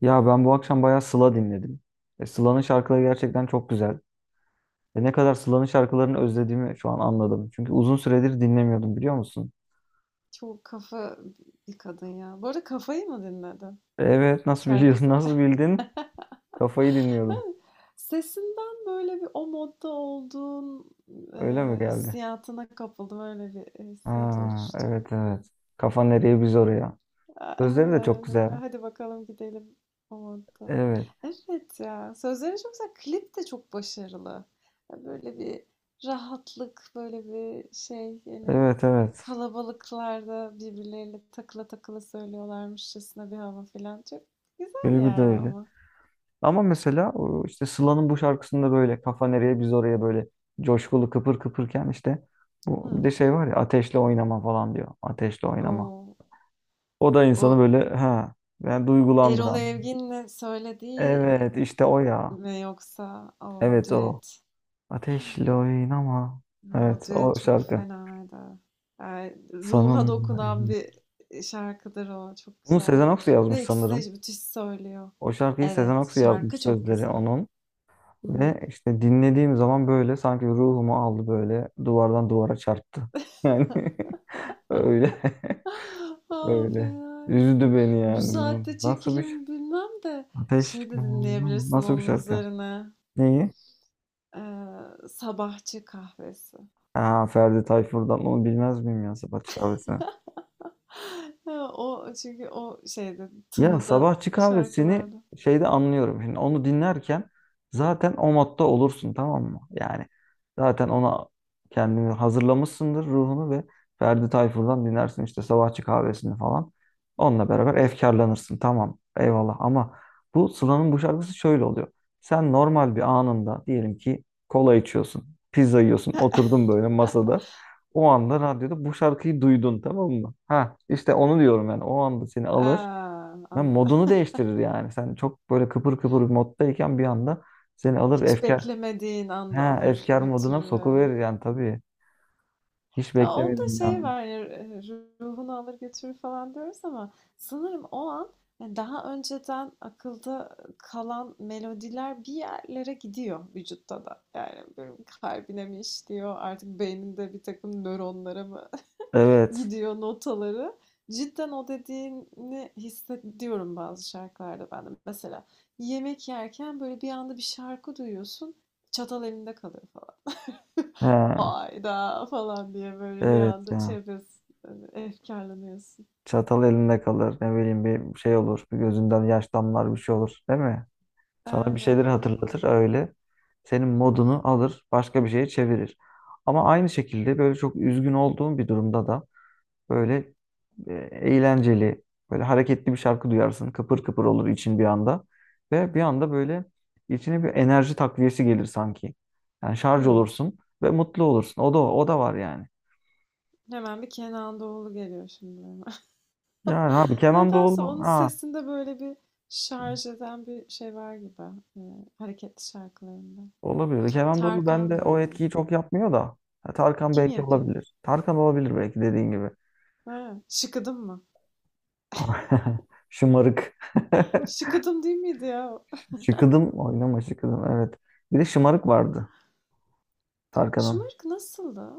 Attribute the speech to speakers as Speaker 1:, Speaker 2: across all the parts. Speaker 1: Ya ben bu akşam bayağı Sıla dinledim. Sıla'nın şarkıları gerçekten çok güzel. Ve ne kadar Sıla'nın şarkılarını özlediğimi şu an anladım. Çünkü uzun süredir dinlemiyordum, biliyor musun?
Speaker 2: Çok kafa bir kadın ya. Bu arada Kafa'yı mı dinledin
Speaker 1: Evet, nasıl biliyorsun
Speaker 2: şarkısı?
Speaker 1: nasıl bildin? Kafayı
Speaker 2: Ha,
Speaker 1: dinliyordum.
Speaker 2: Sesinden böyle bir o modda olduğun e,
Speaker 1: Öyle mi geldi?
Speaker 2: hissiyatına kapıldım. Öyle bir hissiyat
Speaker 1: Ha,
Speaker 2: oluştu.
Speaker 1: evet, evet. Kafa nereye biz oraya. Sözleri
Speaker 2: Aynen
Speaker 1: de çok
Speaker 2: öyle, böyle
Speaker 1: güzel.
Speaker 2: hadi bakalım gidelim o modda.
Speaker 1: Evet,
Speaker 2: Evet ya, sözleri çok güzel. Klip de çok başarılı. Ya, böyle bir rahatlık, böyle bir şey yani,
Speaker 1: evet, evet.
Speaker 2: kalabalıklarda birbirleriyle takıla takıla söylüyorlarmışçasına bir hava falan. Çok güzel
Speaker 1: Klibi de
Speaker 2: yani
Speaker 1: öyle.
Speaker 2: ama.
Speaker 1: Ama mesela o işte Sıla'nın bu şarkısında böyle kafa nereye biz oraya, böyle coşkulu kıpır kıpırken işte bu, bir
Speaker 2: Hı.
Speaker 1: de şey var ya, ateşle oynama falan diyor. Ateşle oynama.
Speaker 2: O,
Speaker 1: O da
Speaker 2: o
Speaker 1: insanı böyle, ha, ben
Speaker 2: Erol
Speaker 1: duygulandıran.
Speaker 2: Evgin'le söylediği
Speaker 1: Evet, işte o ya.
Speaker 2: mi yoksa o
Speaker 1: Evet, o.
Speaker 2: düet?
Speaker 1: Ateşle oynama.
Speaker 2: Ya, o
Speaker 1: Evet,
Speaker 2: düet
Speaker 1: o
Speaker 2: çok
Speaker 1: şarkı.
Speaker 2: fenaydı. Yani ruha
Speaker 1: Sanın.
Speaker 2: dokunan bir şarkıdır o. Çok
Speaker 1: Bunu
Speaker 2: güzel.
Speaker 1: Sezen Aksu
Speaker 2: Bir
Speaker 1: yazmış
Speaker 2: de ikisi
Speaker 1: sanırım.
Speaker 2: de müthiş söylüyor.
Speaker 1: O şarkıyı Sezen
Speaker 2: Evet,
Speaker 1: Aksu yazmış,
Speaker 2: şarkı çok
Speaker 1: sözleri
Speaker 2: güzel.
Speaker 1: onun.
Speaker 2: Hı hı.
Speaker 1: Ve işte dinlediğim zaman böyle sanki ruhumu aldı, böyle duvardan duvara çarptı. Yani Öyle.
Speaker 2: Aa,
Speaker 1: Öyle.
Speaker 2: fenaymış.
Speaker 1: Üzdü beni
Speaker 2: Bu
Speaker 1: yani. Bu.
Speaker 2: saatte çekilir mi bilmem de,
Speaker 1: Ateş.
Speaker 2: şey de dinleyebilirsin
Speaker 1: Nasıl bir
Speaker 2: onun
Speaker 1: şarkı?
Speaker 2: üzerine.
Speaker 1: Neyi?
Speaker 2: Sabahçı kahvesi.
Speaker 1: Ha, Ferdi Tayfur'dan onu bilmez miyim ya? Sabah kahvesi.
Speaker 2: Ha, o çünkü o şeyde,
Speaker 1: Ya
Speaker 2: tınıda
Speaker 1: sabahçı kahvesini
Speaker 2: şarkılarda.
Speaker 1: şeyde anlıyorum. Şimdi onu dinlerken zaten o modda olursun, tamam mı? Yani zaten ona kendini hazırlamışsındır, ruhunu, ve Ferdi Tayfur'dan dinlersin işte sabahçı kahvesini falan. Onunla beraber efkarlanırsın, tamam, eyvallah, ama bu Sıla'nın bu şarkısı şöyle oluyor. Sen normal bir anında, diyelim ki kola içiyorsun, pizza yiyorsun, oturdun böyle masada. O anda radyoda bu şarkıyı duydun, tamam mı? Ha, işte onu diyorum, yani o anda seni alır.
Speaker 2: Aa,
Speaker 1: Ben
Speaker 2: anladım.
Speaker 1: modunu değiştirir yani. Sen çok böyle kıpır kıpır bir moddayken bir anda seni alır
Speaker 2: Hiç
Speaker 1: efkar,
Speaker 2: beklemediğin anda
Speaker 1: ha,
Speaker 2: alır
Speaker 1: efkar moduna
Speaker 2: götürür, e.
Speaker 1: sokuverir yani tabii. Hiç
Speaker 2: Ya, onda
Speaker 1: beklemedim bir
Speaker 2: şey
Speaker 1: anda.
Speaker 2: var, ruhunu alır götürür falan diyoruz ama sanırım o an, hani, daha önceden akılda kalan melodiler bir yerlere gidiyor vücutta da. Yani, benim kalbine mi işliyor, artık beyninde bir takım nöronlara mı
Speaker 1: Evet.
Speaker 2: gidiyor notaları. Cidden o dediğini hissediyorum bazı şarkılarda ben de. Mesela yemek yerken, böyle, bir anda bir şarkı duyuyorsun, çatal elinde kalıyor falan.
Speaker 1: Ha,
Speaker 2: Hayda falan diye böyle bir
Speaker 1: evet
Speaker 2: anda şey
Speaker 1: ya.
Speaker 2: yapıyorsun. Hani efkarlanıyorsun.
Speaker 1: Çatal elinde kalır. Ne bileyim, bir şey olur. Bir gözünden yaş damlar, bir şey olur. Değil mi? Sana bir
Speaker 2: Aynen
Speaker 1: şeyleri
Speaker 2: aynen.
Speaker 1: hatırlatır öyle. Senin modunu alır. Başka bir şeye çevirir. Ama aynı şekilde böyle çok üzgün olduğun bir durumda da böyle eğlenceli, böyle hareketli bir şarkı duyarsın. Kıpır kıpır olur için bir anda. Ve bir anda böyle içine bir enerji takviyesi gelir sanki. Yani şarj
Speaker 2: Hı.
Speaker 1: olursun ve mutlu olursun. O da, o da var yani.
Speaker 2: Hemen bir Kenan Doğulu geliyor şimdi benim.
Speaker 1: Yani abi Kenan
Speaker 2: Nedense
Speaker 1: Doğulu,
Speaker 2: onun
Speaker 1: ha,
Speaker 2: sesinde böyle bir şarj eden bir şey var gibi, e, hareketli şarkılarında.
Speaker 1: olabilir. Kenan Doğulu
Speaker 2: Tarkan da
Speaker 1: bende o
Speaker 2: öyle.
Speaker 1: etkiyi çok yapmıyor da. Ha, Tarkan
Speaker 2: Kim
Speaker 1: belki
Speaker 2: yapıyor?
Speaker 1: olabilir. Tarkan olabilir belki, dediğin gibi.
Speaker 2: Ha, şıkıdım mı?
Speaker 1: Şımarık.
Speaker 2: Şıkıdım değil miydi ya?
Speaker 1: Şıkıdım oynama şıkıdım, evet. Bir de şımarık vardı Tarkan'ın.
Speaker 2: Şımarık nasıldı?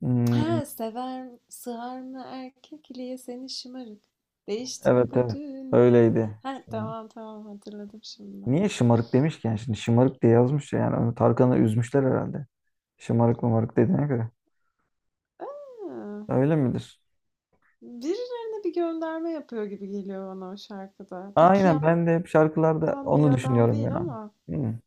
Speaker 1: Hmm,
Speaker 2: Ha, sever, sığar mı erkek iliğe seni şımarık? Değişti mi
Speaker 1: evet,
Speaker 2: bu
Speaker 1: evet,
Speaker 2: dünya?
Speaker 1: öyleydi.
Speaker 2: Ha, tamam tamam, hatırladım şimdi.
Speaker 1: Niye şımarık demişken şimdi şımarık diye yazmış ya, yani onu, Tarkan'ı üzmüşler herhalde. Şımarık mımarık dediğine göre.
Speaker 2: Ha,
Speaker 1: Öyle midir?
Speaker 2: birilerine bir gönderme yapıyor gibi geliyor bana o şarkıda. Peki,
Speaker 1: Aynen, ben de hep şarkılarda
Speaker 2: yapan bir
Speaker 1: onu
Speaker 2: adam
Speaker 1: düşünüyorum
Speaker 2: değil
Speaker 1: yani.
Speaker 2: ama.
Speaker 1: Hmm.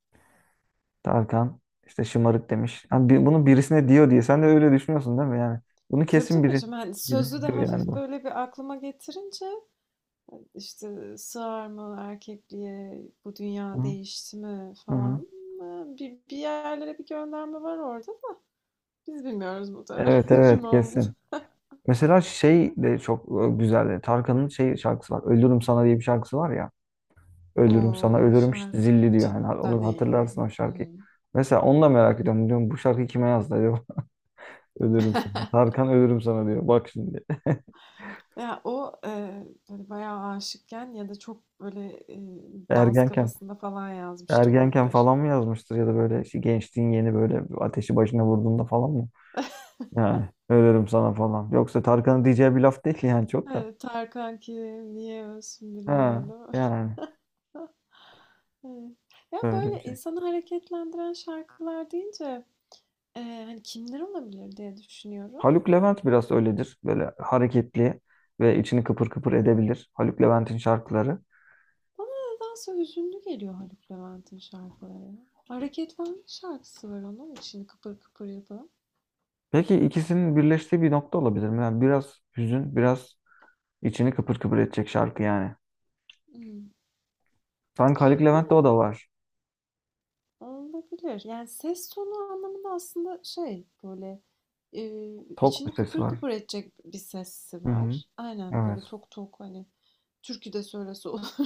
Speaker 1: Tarkan işte şımarık demiş. Yani bunu birisine diyor diye. Sen de öyle düşünüyorsun değil mi yani? Bunu
Speaker 2: Tabii
Speaker 1: kesin
Speaker 2: tabii,
Speaker 1: biri,
Speaker 2: şimdi hani
Speaker 1: biri
Speaker 2: sözü de
Speaker 1: diyor yani
Speaker 2: hafif
Speaker 1: bu.
Speaker 2: böyle bir aklıma getirince, işte sığar mı erkekliğe, bu
Speaker 1: Hı
Speaker 2: dünya değişti mi
Speaker 1: hı. Hı.
Speaker 2: falan. Ha, Bir yerlere bir gönderme var orada. Biz bilmiyoruz bu da
Speaker 1: Evet,
Speaker 2: kim
Speaker 1: evet,
Speaker 2: olduğunu.
Speaker 1: kesin. Mesela şey de çok güzeldi. Tarkan'ın şey şarkısı var. Ölürüm sana diye bir şarkısı var ya.
Speaker 2: O,
Speaker 1: Ölürüm sana,
Speaker 2: o
Speaker 1: ölürüm işte
Speaker 2: şarkı
Speaker 1: zilli diyor. Hani
Speaker 2: cidden
Speaker 1: onu
Speaker 2: iyi.
Speaker 1: hatırlarsın, o şarkıyı.
Speaker 2: Hımm.
Speaker 1: Mesela onu da merak ediyorum. Diyorum bu şarkıyı kime yazdı acaba? Ölürüm sana. Tarkan ölürüm sana diyor. Bak şimdi.
Speaker 2: Ya, o, böyle bayağı aşıkken ya da çok böyle, dans
Speaker 1: Ergenken.
Speaker 2: kafasında falan yazmış da
Speaker 1: Ergenken
Speaker 2: olabilir.
Speaker 1: falan mı yazmıştır, ya da böyle işte gençliğin yeni böyle ateşi başına vurduğunda falan mı? Yani ölürüm sana falan. Yoksa Tarkan'ın diyeceği bir laf değil yani, çok da.
Speaker 2: Evet, Tarkan kim, niye ölsün birini
Speaker 1: Ha,
Speaker 2: değil.
Speaker 1: yani
Speaker 2: Evet. Ya,
Speaker 1: böyle bir
Speaker 2: böyle
Speaker 1: şey.
Speaker 2: insanı hareketlendiren şarkılar deyince, hani, kimler olabilir diye düşünüyorum.
Speaker 1: Haluk Levent biraz öyledir. Böyle hareketli ve içini kıpır kıpır edebilir. Haluk Levent'in şarkıları.
Speaker 2: Bana nedense hüzünlü geliyor Haluk Levent'in şarkıları. Hareketlenme şarkısı var onun, için kıpır kıpır yapan.
Speaker 1: Belki ikisinin birleştiği bir nokta olabilir mi? Yani biraz hüzün, biraz içini kıpır kıpır edecek şarkı yani.
Speaker 2: Imm.
Speaker 1: Sanki Haluk Levent'te o da var.
Speaker 2: Olabilir. Yani ses tonu anlamında aslında şey, böyle,
Speaker 1: Tok bir
Speaker 2: içini
Speaker 1: sesi
Speaker 2: kıpır
Speaker 1: var.
Speaker 2: kıpır edecek bir sesi
Speaker 1: Hı hı.
Speaker 2: var. Aynen,
Speaker 1: Evet.
Speaker 2: böyle tok tok, hani, türkü de söylese olur.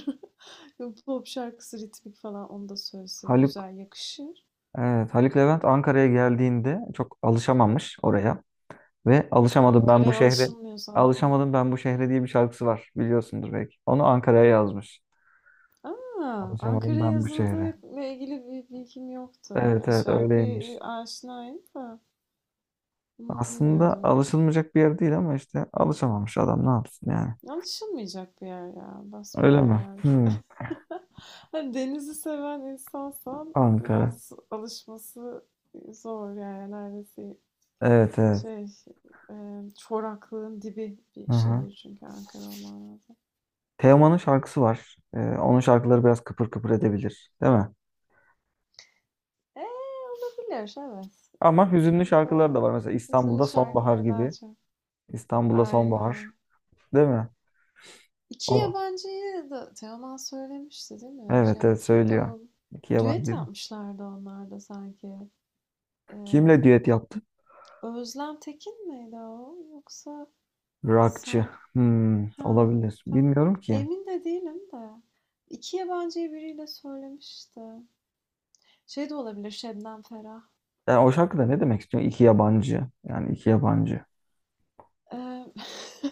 Speaker 2: Pop şarkısı ritmik falan, onu da söylese
Speaker 1: Haluk,
Speaker 2: güzel yakışır.
Speaker 1: evet. Haluk Levent Ankara'ya geldiğinde çok alışamamış oraya. Ve alışamadım ben bu
Speaker 2: Ankara'ya
Speaker 1: şehre.
Speaker 2: alışılmıyor zaten.
Speaker 1: Alışamadım ben bu şehre diye bir şarkısı var. Biliyorsundur belki. Onu Ankara'ya yazmış.
Speaker 2: Ha,
Speaker 1: Alışamadım
Speaker 2: Ankara'ya
Speaker 1: ben bu şehre.
Speaker 2: yazıldığıyla ilgili bir bilgim yoktu.
Speaker 1: Evet,
Speaker 2: Ya
Speaker 1: evet,
Speaker 2: şarkıya
Speaker 1: öyleymiş.
Speaker 2: aşinayım da bunu
Speaker 1: Aslında
Speaker 2: bilmiyordum.
Speaker 1: alışılmayacak bir yer değil ama işte alışamamış adam ne yapsın yani.
Speaker 2: Alışılmayacak bir yer ya,
Speaker 1: Öyle mi?
Speaker 2: basbayağı yani çok.
Speaker 1: Hmm.
Speaker 2: Hani denizi seven insansan
Speaker 1: Ankara.
Speaker 2: biraz alışması zor yani, neredeyse
Speaker 1: Evet, evet.
Speaker 2: şey, e, çoraklığın dibi bir
Speaker 1: Aha.
Speaker 2: şehir çünkü Ankara, olman lazım.
Speaker 1: Teoman'ın şarkısı var. Onun şarkıları biraz kıpır kıpır edebilir, değil mi?
Speaker 2: Eee, olabilir evet.
Speaker 1: Ama hüzünlü
Speaker 2: Hmm, da,
Speaker 1: şarkıları da var. Mesela
Speaker 2: hüzünlü
Speaker 1: İstanbul'da Sonbahar
Speaker 2: şarkıları daha
Speaker 1: gibi.
Speaker 2: çok.
Speaker 1: İstanbul'da Sonbahar,
Speaker 2: Aynen.
Speaker 1: değil mi?
Speaker 2: İki
Speaker 1: O.
Speaker 2: yabancıyı da Teoman söylemişti değil mi?
Speaker 1: Evet,
Speaker 2: Şey
Speaker 1: evet,
Speaker 2: kimdi
Speaker 1: söylüyor.
Speaker 2: o?
Speaker 1: İki
Speaker 2: Düet
Speaker 1: yabancı.
Speaker 2: yapmışlardı onlar da sanki. Ee,
Speaker 1: Kimle düet yaptı?
Speaker 2: Özlem Tekin miydi o? Yoksa
Speaker 1: Rockçı.
Speaker 2: Ser-
Speaker 1: Hmm,
Speaker 2: ha,
Speaker 1: olabilir.
Speaker 2: ta
Speaker 1: Bilmiyorum ki.
Speaker 2: emin de değilim de, 2 yabancıyı biriyle söylemişti. Şey de olabilir, Şebnem Ferah.
Speaker 1: Yani o şarkıda ne demek istiyor? İki yabancı. Yani iki yabancı.
Speaker 2: Eee,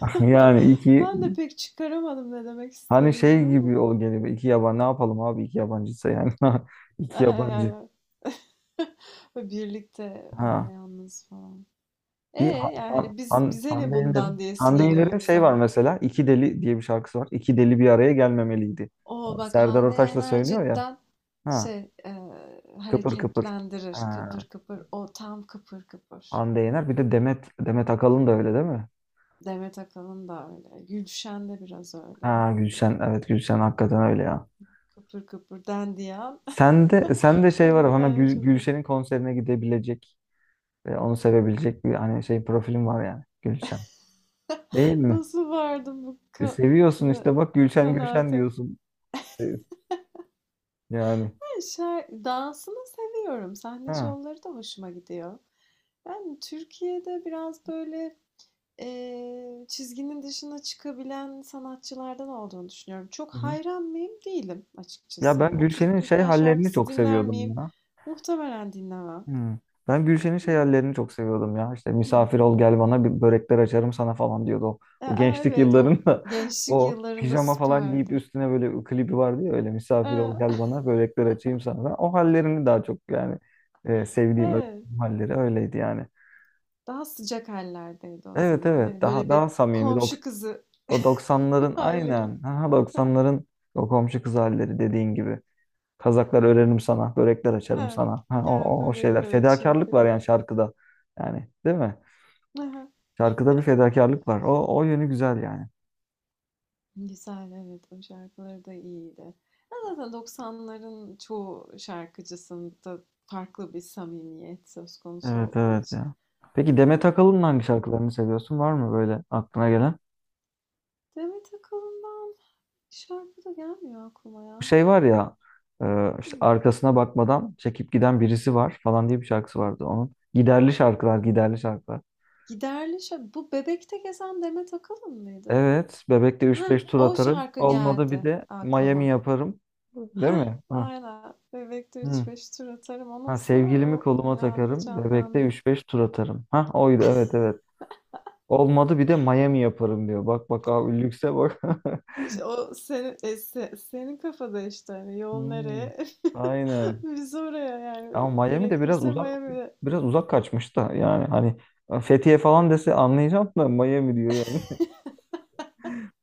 Speaker 1: Yani iki,
Speaker 2: ben de pek çıkaramadım ne demek
Speaker 1: hani
Speaker 2: istediğini
Speaker 1: şey
Speaker 2: ama.
Speaker 1: gibi ol geliyor. İki yabancı ne yapalım abi, iki yabancıysa yani. İki yabancı.
Speaker 2: Yani birlikte ama
Speaker 1: Ha.
Speaker 2: yalnız falan. E,
Speaker 1: Bir
Speaker 2: yani hani biz bize ne
Speaker 1: Hande Yener'in,
Speaker 2: bundan diyesi
Speaker 1: Hande
Speaker 2: geliyor
Speaker 1: Yener'in şey var
Speaker 2: insanın.
Speaker 1: mesela. İki Deli diye bir şarkısı var. İki deli bir araya gelmemeliydi.
Speaker 2: O bak,
Speaker 1: Serdar
Speaker 2: Hande
Speaker 1: Ortaç'la
Speaker 2: Yener
Speaker 1: söylüyor ya.
Speaker 2: cidden
Speaker 1: Ha,
Speaker 2: şey,
Speaker 1: kıpır kıpır.
Speaker 2: hareketlendirir
Speaker 1: Ha,
Speaker 2: kıpır kıpır, o tam kıpır kıpır.
Speaker 1: Hande Yener. Bir de Demet Akalın da öyle değil mi?
Speaker 2: Demet Akalın da öyle. Gülşen de biraz öyle.
Speaker 1: Ha, Gülşen. Evet, Gülşen hakikaten öyle ya.
Speaker 2: Kıpır kıpır dendiyan.
Speaker 1: Sen de şey
Speaker 2: Hadi
Speaker 1: var,
Speaker 2: bir
Speaker 1: hemen
Speaker 2: tane çözüm.
Speaker 1: Gülşen'in konserine gidebilecek ve onu sevebilecek bir, hani, şey profilin var yani, Gülşen. Değil mi?
Speaker 2: Nasıl vardım bu
Speaker 1: Seviyorsun işte, bak, Gülşen Gülşen
Speaker 2: kanaate?
Speaker 1: diyorsun. E, yani.
Speaker 2: Ben şarkı dansını seviyorum. Sahne
Speaker 1: Ha.
Speaker 2: şovları da hoşuma gidiyor. Ben Türkiye'de biraz böyle, çizginin dışına çıkabilen sanatçılardan olduğunu düşünüyorum. Çok
Speaker 1: Hı hı.
Speaker 2: hayran mıyım? Değilim
Speaker 1: Ya
Speaker 2: açıkçası.
Speaker 1: ben
Speaker 2: Hani oturup
Speaker 1: Gülşen'in şey
Speaker 2: Gülşen
Speaker 1: hallerini
Speaker 2: şarkısı
Speaker 1: çok
Speaker 2: dinler
Speaker 1: seviyordum
Speaker 2: miyim?
Speaker 1: ya.
Speaker 2: Muhtemelen dinlemem.
Speaker 1: Hmm. Ben Gülşen'in şey hallerini çok seviyordum ya. İşte
Speaker 2: Hı.
Speaker 1: misafir ol gel bana, bir börekler açarım sana falan diyordu.
Speaker 2: E,
Speaker 1: O gençlik
Speaker 2: evet, o
Speaker 1: yıllarında
Speaker 2: gençlik
Speaker 1: o
Speaker 2: yıllarında
Speaker 1: pijama falan giyip
Speaker 2: süperdi.
Speaker 1: üstüne böyle klibi vardı ya, öyle misafir ol gel
Speaker 2: Eee,
Speaker 1: bana, börekler açayım sana. Ben o hallerini daha çok yani, sevdiğim
Speaker 2: evet.
Speaker 1: özlediğim halleri öyleydi yani.
Speaker 2: Daha sıcak hallerdeydi o
Speaker 1: Evet,
Speaker 2: zaman.
Speaker 1: evet,
Speaker 2: Hani,
Speaker 1: daha,
Speaker 2: böyle, bir
Speaker 1: daha samimi
Speaker 2: komşu kızı
Speaker 1: o 90'ların,
Speaker 2: halleri.
Speaker 1: aynen, ha, doksanların o komşu kız halleri, dediğin gibi. Kazaklar örerim sana, börekler açarım
Speaker 2: He,
Speaker 1: sana. Ha,
Speaker 2: gel
Speaker 1: o şeyler.
Speaker 2: börekler açayım
Speaker 1: Fedakarlık var
Speaker 2: filan.
Speaker 1: yani şarkıda. Yani değil mi?
Speaker 2: Hı.
Speaker 1: Şarkıda bir fedakarlık var. O yönü güzel yani.
Speaker 2: Güzel, evet, o şarkıları da iyiydi. Ya, zaten 90'ların çoğu şarkıcısında farklı bir samimiyet söz konusu
Speaker 1: Evet,
Speaker 2: olduğu
Speaker 1: evet
Speaker 2: için.
Speaker 1: ya. Peki Demet
Speaker 2: O,
Speaker 1: Akalın'ın hangi şarkılarını seviyorsun? Var mı böyle aklına gelen?
Speaker 2: Demet Akalın'dan şarkı da gelmiyor aklıma
Speaker 1: Bu
Speaker 2: ya.
Speaker 1: şey var ya, işte
Speaker 2: Hıı.
Speaker 1: arkasına bakmadan çekip giden birisi var falan diye bir şarkısı vardı onun. Giderli şarkılar, giderli şarkılar.
Speaker 2: Giderli şa- bu Bebek'te gezen Demet Akalın mıydı?
Speaker 1: Evet, bebekte üç
Speaker 2: Ha,
Speaker 1: beş tur
Speaker 2: o
Speaker 1: atarım.
Speaker 2: şarkı
Speaker 1: Olmadı bir
Speaker 2: geldi
Speaker 1: de Miami
Speaker 2: aklıma.
Speaker 1: yaparım. Değil
Speaker 2: Ha,
Speaker 1: mi? Hı.
Speaker 2: aynen. Bebek'te
Speaker 1: Hı.
Speaker 2: üç beş tur atarım.
Speaker 1: Ha,
Speaker 2: Onunsa
Speaker 1: sevgilimi
Speaker 2: o
Speaker 1: koluma
Speaker 2: öyle anda
Speaker 1: takarım. Bebekte
Speaker 2: canlandı.
Speaker 1: üç beş tur atarım. Ha, oydu, evet, evet. Olmadı bir de Miami yaparım diyor. Bak bak abi, lükse bak.
Speaker 2: İşte o senin, e, senin kafada, işte hani yol
Speaker 1: Hmm,
Speaker 2: nereye?
Speaker 1: aynen.
Speaker 2: Biz oraya, yani e,
Speaker 1: Ama Miami de biraz
Speaker 2: gerekirse
Speaker 1: uzak,
Speaker 2: Miami'de.
Speaker 1: biraz uzak kaçmış da, yani hani Fethiye falan dese anlayacağım da, Miami diyor yani.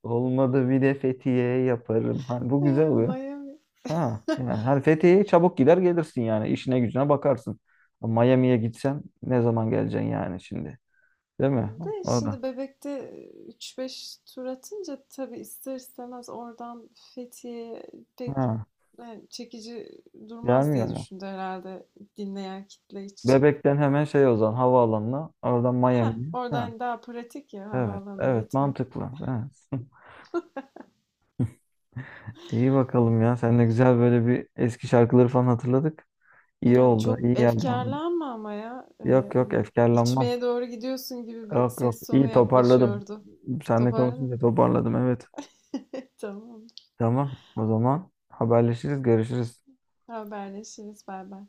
Speaker 1: Olmadı bir de Fethiye yaparım. Hani bu güzel
Speaker 2: Yani
Speaker 1: oluyor.
Speaker 2: Miami.
Speaker 1: Ha, yani hani Fethiye'ye çabuk gider gelirsin yani, işine gücüne bakarsın. Miami'ye gitsen ne zaman geleceksin yani şimdi? Değil mi?
Speaker 2: De
Speaker 1: O da.
Speaker 2: şimdi Bebek'te üç beş tur atınca tabii ister istemez oradan Fethiye'ye pek
Speaker 1: Ha.
Speaker 2: yani çekici durmaz
Speaker 1: Gelmiyor
Speaker 2: diye
Speaker 1: mu?
Speaker 2: düşündü herhalde, dinleyen kitle için.
Speaker 1: Bebek'ten hemen şey, o zaman havaalanına. Oradan
Speaker 2: Heh,
Speaker 1: Miami'ye. Ha,
Speaker 2: oradan daha pratik ya
Speaker 1: evet.
Speaker 2: havaalanına
Speaker 1: Evet,
Speaker 2: gitmek.
Speaker 1: mantıklı. Evet. İyi bakalım ya. Seninle güzel böyle bir eski şarkıları falan hatırladık. İyi
Speaker 2: Ya
Speaker 1: oldu.
Speaker 2: çok
Speaker 1: İyi geldi oldu.
Speaker 2: efkarlanma ama ya.
Speaker 1: Yok yok,
Speaker 2: Hani
Speaker 1: efkarlanmam.
Speaker 2: içmeye doğru gidiyorsun gibi bir
Speaker 1: Yok yok.
Speaker 2: ses tonu
Speaker 1: İyi toparladım.
Speaker 2: yaklaşıyordu.
Speaker 1: Seninle
Speaker 2: Toparladın mı?
Speaker 1: konuşunca toparladım. Evet.
Speaker 2: Tamam.
Speaker 1: Tamam. O zaman haberleşiriz. Görüşürüz.
Speaker 2: Haberleşiriz. Bay bay.